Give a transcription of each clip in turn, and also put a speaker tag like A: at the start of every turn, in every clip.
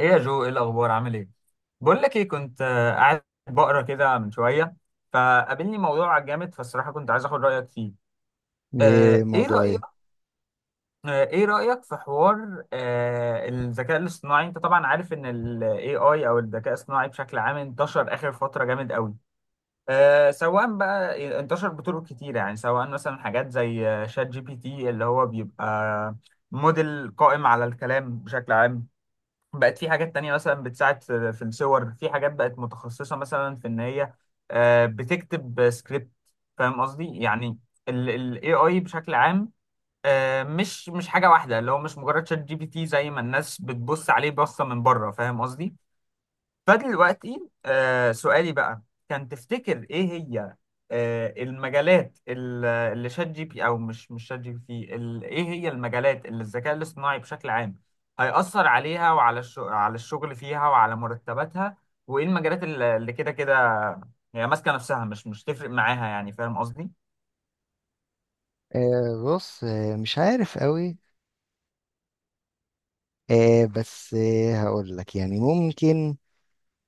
A: ايه يا جو، ايه الاخبار؟ عامل ايه؟ بقول لك ايه، كنت قاعد بقرا كده من شويه، فقابلني موضوع جامد، فالصراحه كنت عايز اخد رايك فيه.
B: ايه
A: ايه
B: موضوع
A: رايك؟
B: ايه؟
A: ايه رايك في حوار الذكاء الاصطناعي؟ انت طبعا عارف ان الاي اي او الذكاء الاصطناعي بشكل عام انتشر اخر فتره جامد قوي. سواء بقى انتشر بطرق كتيره، يعني سواء مثلا حاجات زي شات جي بي تي، اللي هو بيبقى موديل قائم على الكلام بشكل عام. بقت في حاجات تانية مثلا بتساعد في الصور، في حاجات بقت متخصصة مثلا في إن هي بتكتب سكريبت. فاهم قصدي يعني؟ ال AI بشكل عام، مش حاجة واحدة، اللي هو مش مجرد شات جي بي تي زي ما الناس بتبص عليه بصة من بره. فاهم قصدي؟ فدلوقتي سؤالي بقى، كان تفتكر ايه هي المجالات اللي شات جي بي او مش شات جي بي تي ايه هي المجالات اللي الذكاء الاصطناعي بشكل عام هيأثر عليها، وعلى على الشغل فيها وعلى مرتباتها، وايه المجالات اللي كده كده هي ماسكة نفسها، مش تفرق معاها يعني؟ فاهم قصدي؟
B: بص، مش عارف قوي. بس، هقول لك يعني ممكن.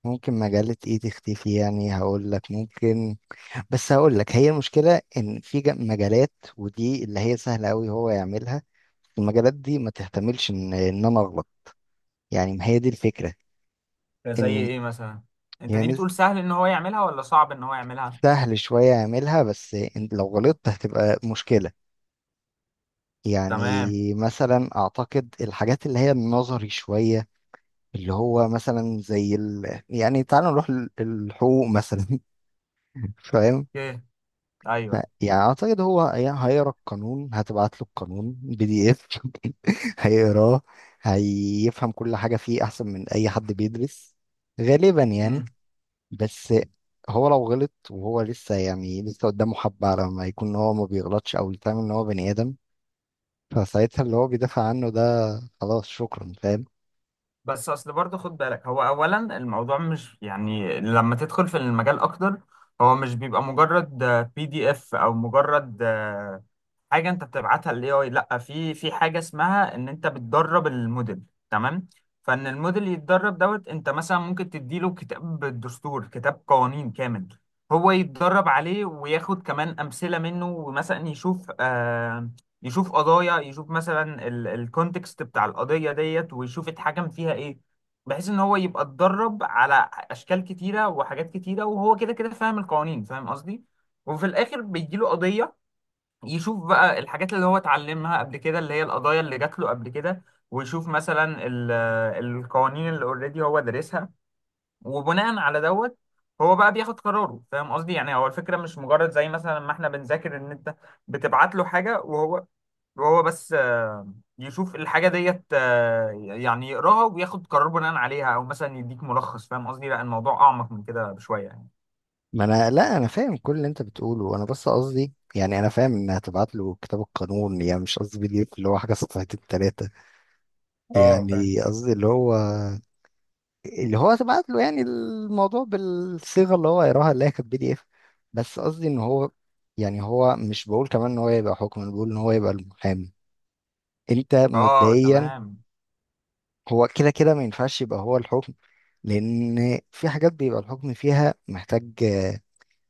B: ممكن مجلة ايه تختفي، يعني هقول لك ممكن. بس هقول لك، هي المشكلة ان في مجالات، ودي اللي هي سهلة قوي هو يعملها. المجالات دي ما تحتملش ان انا اغلط. يعني ما هي دي الفكرة.
A: زي
B: ان
A: ايه مثلا؟ انت دي
B: يعني
A: بتقول سهل ان هو يعملها ولا صعب ان هو يعملها؟
B: سهل شوية يعملها، بس إن لو غلطت هتبقى مشكلة. يعني
A: تمام.
B: مثلا اعتقد الحاجات اللي هي النظري شوية، اللي هو مثلا يعني تعالى نروح الحقوق مثلا. فاهم.
A: اوكي.
B: ف-
A: ايوه.
B: يعني اعتقد هو هيقرا القانون، هتبعت له القانون بي دي اف. هيقراه، هيفهم كل حاجة فيه احسن من اي حد بيدرس، غالبا يعني. بس هو لو غلط وهو لسه، يعني لسه قدامه حبة على ما يكون هو ما بيغلطش او يفهم ان هو بني ادم. فساعتها اللي هو بيدافع عنه ده، خلاص شكرا، فاهم.
A: بس اصل برضه خد بالك، هو اولا الموضوع مش، يعني لما تدخل في المجال اكتر، هو مش بيبقى مجرد بي دي اف او مجرد حاجه انت بتبعتها للاي اي، لا في حاجه اسمها ان انت بتدرب الموديل. تمام؟ فان الموديل يتدرب دوت، انت مثلا ممكن تديله كتاب دستور، كتاب قوانين كامل، هو يتدرب عليه وياخد كمان امثله منه، ومثلا يشوف يشوف قضايا، يشوف مثلا الكونتكست بتاع القضيه ديت ويشوف اتحكم فيها ايه، بحيث ان هو يبقى اتدرب على اشكال كتيره وحاجات كتيره وهو كده كده فاهم القوانين. فاهم قصدي؟ وفي الاخر بيجيله قضيه، يشوف بقى الحاجات اللي هو اتعلمها قبل كده، اللي هي القضايا اللي جات له قبل كده، ويشوف مثلا القوانين اللي اوريدي هو دارسها، وبناء على دوت هو بقى بياخد قراره. فاهم قصدي؟ يعني هو الفكرة مش مجرد زي مثلا ما احنا بنذاكر، ان انت بتبعت له حاجة وهو بس يشوف الحاجة ديت، يعني يقراها وياخد قرار بناء عليها، او مثلا يديك ملخص. فاهم قصدي؟ لا، الموضوع اعمق من كده بشوية يعني.
B: ما انا، لا انا فاهم كل اللي انت بتقوله، وانا بس قصدي يعني انا فاهم ان هتبعت له كتاب القانون، يعني مش قصدي بي دي اف اللي هو حاجه صفحتين ثلاثه.
A: اه فاهم.
B: يعني قصدي اللي هو، اللي هو هتبعت له يعني الموضوع بالصيغه اللي هو يقراها، اللي هي كانت بي دي اف. بس قصدي ان هو، يعني هو مش بقول كمان ان هو يبقى حكم، انا بقول ان هو يبقى المحامي. انت
A: اه
B: مبدئيا،
A: تمام.
B: هو كده كده ما ينفعش يبقى هو الحكم، لان في حاجات بيبقى الحكم فيها محتاج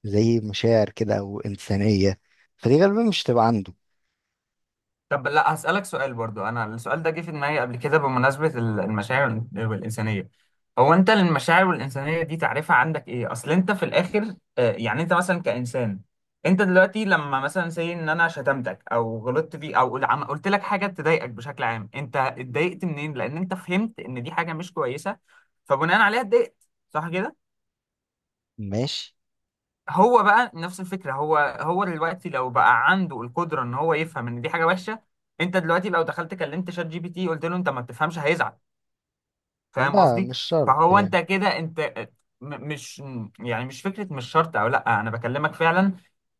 B: زي مشاعر كده او انسانيه، فدي غالبا مش تبقى عنده.
A: طب لا هسألك سؤال برضو، أنا السؤال ده جه في دماغي قبل كده بمناسبة المشاعر والإنسانية. هو أنت المشاعر والإنسانية دي تعريفها عندك إيه؟ أصل أنت في الآخر يعني أنت مثلا كإنسان، أنت دلوقتي لما مثلا سي إن أنا شتمتك أو غلطت فيك أو قلت لك حاجة تضايقك بشكل عام، أنت اتضايقت منين؟ لأن أنت فهمت إن دي حاجة مش كويسة، فبناء عليها اتضايقت. صح كده؟
B: ماشي.
A: هو بقى نفس الفكره، هو دلوقتي لو بقى عنده القدره ان هو يفهم ان دي حاجه وحشه، انت دلوقتي لو دخلت كلمت شات جي بي تي قلت له انت ما بتفهمش، هيزعل؟ فاهم
B: لا،
A: قصدي؟
B: مش شرط
A: فهو انت
B: يعني.
A: كده، انت مش، يعني مش فكره، مش شرط، او لا انا بكلمك فعلا.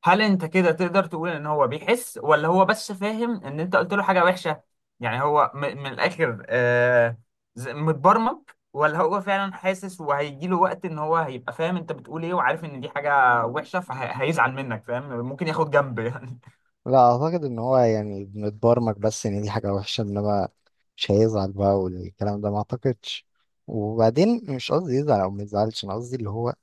A: هل انت كده تقدر تقول ان هو بيحس ولا هو بس فاهم ان انت قلت له حاجه وحشه؟ يعني هو من الاخر متبرمج، ولا هو فعلا حاسس وهيجي له وقت ان هو هيبقى فاهم انت بتقول ايه وعارف ان دي حاجه وحشه، فهيزعل منك، فاهم؟ ممكن ياخد جنب يعني.
B: لا اعتقد ان هو يعني بنتبرمج بس ان دي حاجه وحشه، انما مش هيزعل بقى، والكلام ده ما اعتقدش. وبعدين مش قصدي يزعل او ما يزعلش، انا قصدي اللي هو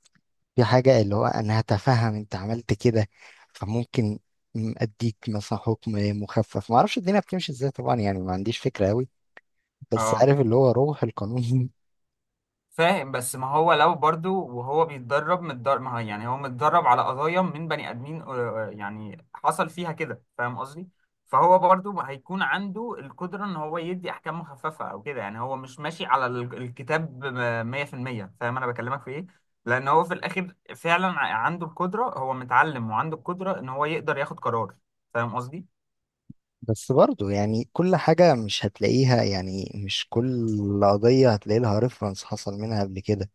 B: في حاجة اللي هو أنا هتفهم أنت عملت كده، فممكن أديك مثلا حكم مخفف. معرفش الدنيا بتمشي إزاي طبعا، يعني ما عنديش فكرة أوي، بس
A: اه
B: عارف اللي هو روح القانون.
A: فاهم. بس ما هو لو برضو وهو بيتدرب متدرب، ما هو يعني هو متدرب على قضايا من بني ادمين، يعني حصل فيها كده. فاهم قصدي؟ فهو برضو هيكون عنده القدرة ان هو يدي احكام مخففة او كده، يعني هو مش ماشي على الكتاب 100%. فاهم انا بكلمك في ايه؟ لان هو في الاخر فعلا عنده القدرة، هو متعلم وعنده القدرة ان هو يقدر ياخد قرار. فاهم قصدي؟
B: بس برضو يعني كل حاجة مش هتلاقيها، يعني مش كل قضية هتلاقي لها ريفرنس حصل منها قبل كده.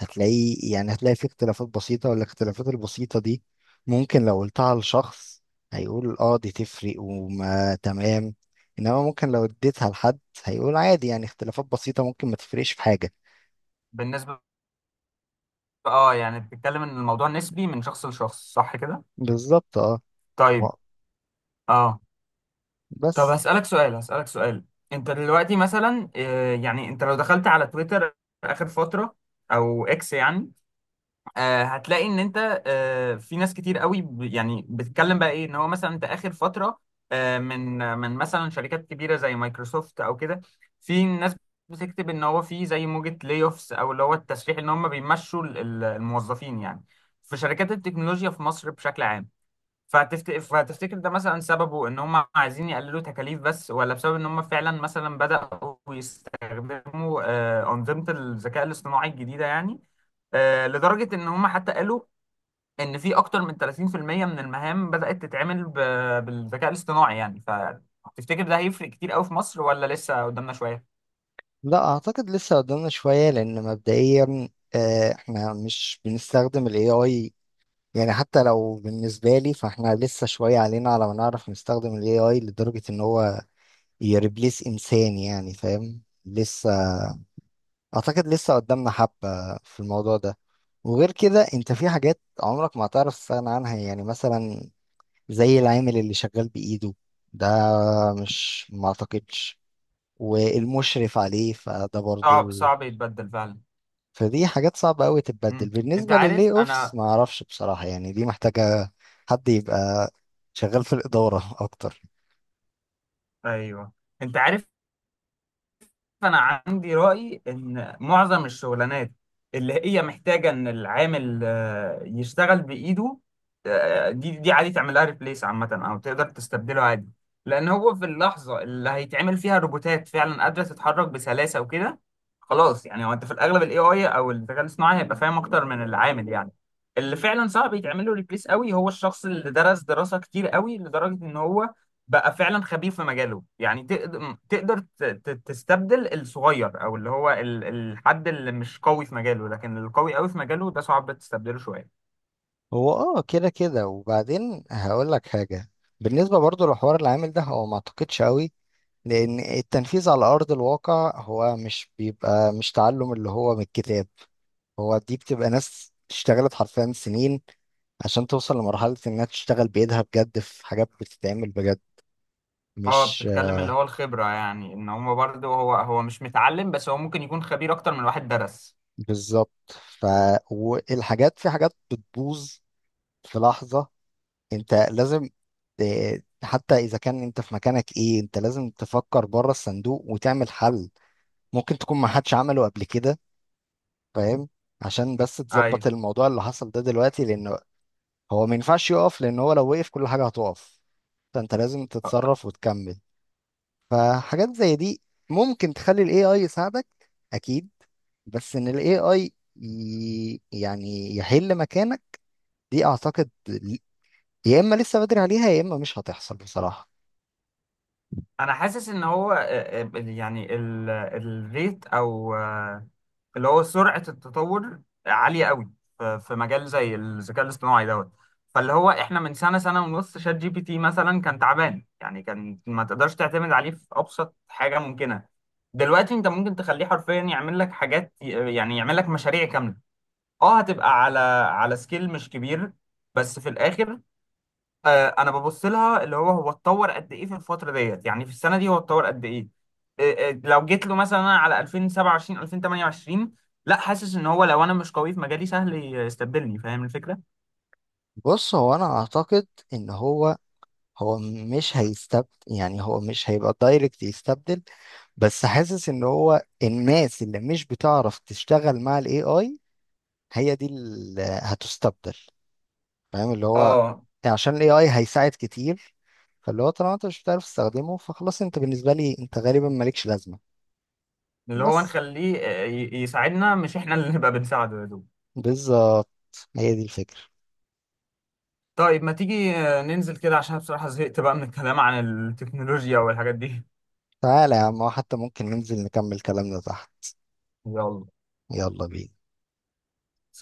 B: هتلاقي، يعني هتلاقي في اختلافات بسيطة، والاختلافات البسيطة دي ممكن لو قلتها لشخص هيقول اه دي تفرق وما تمام، انما ممكن لو اديتها لحد هيقول عادي، يعني اختلافات بسيطة ممكن ما تفرقش في حاجة.
A: بالنسبة، اه يعني بتتكلم ان الموضوع نسبي من شخص لشخص، صح كده؟
B: بالظبط اه. و-
A: طيب. اه. طب
B: بس
A: هسألك سؤال، انت دلوقتي مثلا يعني انت لو دخلت على تويتر آخر فترة او اكس يعني، هتلاقي ان انت في ناس كتير قوي يعني بتتكلم بقى ايه، ان هو مثلا انت آخر فترة من مثلا شركات كبيرة زي مايكروسوفت او كده، في ناس بتكتب ان هو في زي موجة لاي اوفس، او اللي هو التسريح ان هم بيمشوا الموظفين يعني، في شركات التكنولوجيا في مصر بشكل عام. فهتفتكر ده مثلا سببه ان هم عايزين يقللوا تكاليف بس، ولا بسبب ان هم فعلا مثلا بدأوا يستخدموا أنظمة الذكاء الاصطناعي الجديدة يعني؟ لدرجة ان هم حتى قالوا ان في اكتر من 30% من المهام بدأت تتعمل بالذكاء الاصطناعي يعني. فتفتكر ده هيفرق كتير قوي في مصر ولا لسه قدامنا شوية؟
B: لا، اعتقد لسه قدامنا شوية، لان مبدئيا احنا مش بنستخدم الاي اي. يعني حتى لو بالنسبة لي، فاحنا لسه شوية علينا على ما نعرف نستخدم ال AI لدرجة ان هو يريبليس انسان يعني، فاهم؟ لسه اعتقد لسه قدامنا حبة في الموضوع ده. وغير كده انت في حاجات عمرك ما هتعرف تستغنى عنها، يعني مثلا زي العامل اللي شغال بإيده ده، مش، ما اعتقدش. والمشرف عليه فده
A: صعب
B: برضو،
A: صعب يتبدل فعلا.
B: فدي حاجات صعبة قوي تتبدل.
A: انت
B: بالنسبة
A: عارف
B: لللي اوفس
A: انا.
B: ما اعرفش بصراحة، يعني دي محتاجة حد يبقى شغال في الإدارة اكتر.
A: ايوه. انت عارف، فانا عندي راي ان معظم الشغلانات اللي هي محتاجه ان العامل يشتغل بايده، دي عادي تعملها ريبليس عامه، او تقدر تستبدله عادي، لان هو في اللحظه اللي هيتعمل فيها روبوتات فعلا قادره تتحرك بسلاسه وكده، خلاص يعني هو انت في الاغلب الاي اي او الذكاء الاصطناعي هيبقى فاهم اكتر من العامل يعني. اللي فعلا صعب يتعمل له ريبليس قوي هو الشخص اللي درس دراسه كتير قوي لدرجه ان هو بقى فعلا خبير في مجاله يعني. تقدر تستبدل الصغير، او اللي هو الحد اللي مش قوي في مجاله، لكن القوي قوي في مجاله ده صعب تستبدله شويه.
B: هو اه كده كده. وبعدين هقول لك حاجة، بالنسبة برضو لحوار العامل ده، هو ما اعتقدش قوي، لان التنفيذ على ارض الواقع هو مش بيبقى مش تعلم اللي هو من الكتاب. هو دي بتبقى ناس اشتغلت حرفيا سنين عشان توصل لمرحلة انها تشتغل بايدها بجد في حاجات بتتعمل بجد.
A: اه،
B: مش،
A: بتتكلم اللي هو الخبره، يعني ان هو برضه هو مش متعلم بس هو ممكن يكون خبير اكتر من واحد درس.
B: بالظبط. ف والحاجات، في حاجات بتبوظ في لحظة، انت لازم حتى اذا كان انت في مكانك ايه، انت لازم تفكر بره الصندوق وتعمل حل ممكن تكون ما حدش عمله قبل كده، فاهم؟ عشان بس
A: ايوه.
B: تظبط الموضوع اللي حصل ده دلوقتي، لانه هو ما ينفعش يقف، لان هو لو وقف كل حاجة هتقف. فانت لازم تتصرف وتكمل. فحاجات زي دي ممكن تخلي ال AI يساعدك، أكيد. بس إن ال AI يعني يحل مكانك، دي أعتقد، يا إما لسه بدري عليها، يا إما مش هتحصل بصراحة.
A: انا حاسس ان هو يعني الريت او اللي هو سرعة التطور عالية قوي في مجال زي الذكاء الاصطناعي دوت. فاللي هو احنا من سنة سنة ونص شات جي بي تي مثلا كان تعبان يعني، كان ما تقدرش تعتمد عليه في أبسط حاجة ممكنة، دلوقتي انت ممكن تخليه حرفيا يعمل لك حاجات، يعني يعمل لك مشاريع كاملة. اه هتبقى على سكيل مش كبير، بس في الآخر انا ببص لها اللي هو اتطور قد ايه في الفتره ديت، يعني في السنه دي هو اتطور قد ايه. لو جيت له مثلا أنا على 2027 2028، لا حاسس ان هو لو انا مش قوي في مجالي سهل يستبدلني. فاهم الفكره؟
B: بص، هو أنا أعتقد إن هو، هو مش هيستبدل، يعني هو مش هيبقى دايركت يستبدل. بس حاسس إن هو الناس اللي مش بتعرف تشتغل مع ال AI هي دي اللي هتستبدل، فاهم؟ اللي هو
A: اه.
B: يعني عشان الاي اي هيساعد كتير، فاللي هو طالما انت مش بتعرف تستخدمه فخلاص، انت بالنسبه لي انت غالبا مالكش لازمه.
A: اللي هو
B: بس
A: نخليه يساعدنا مش احنا اللي نبقى بنساعده يا دوب.
B: بالظبط، هي دي الفكره.
A: طيب ما تيجي ننزل كده عشان بصراحه زهقت بقى من الكلام عن التكنولوجيا والحاجات دي.
B: تعالى يا عم، حتى ممكن ننزل نكمل كلامنا تحت.
A: يلا.
B: يلا بينا.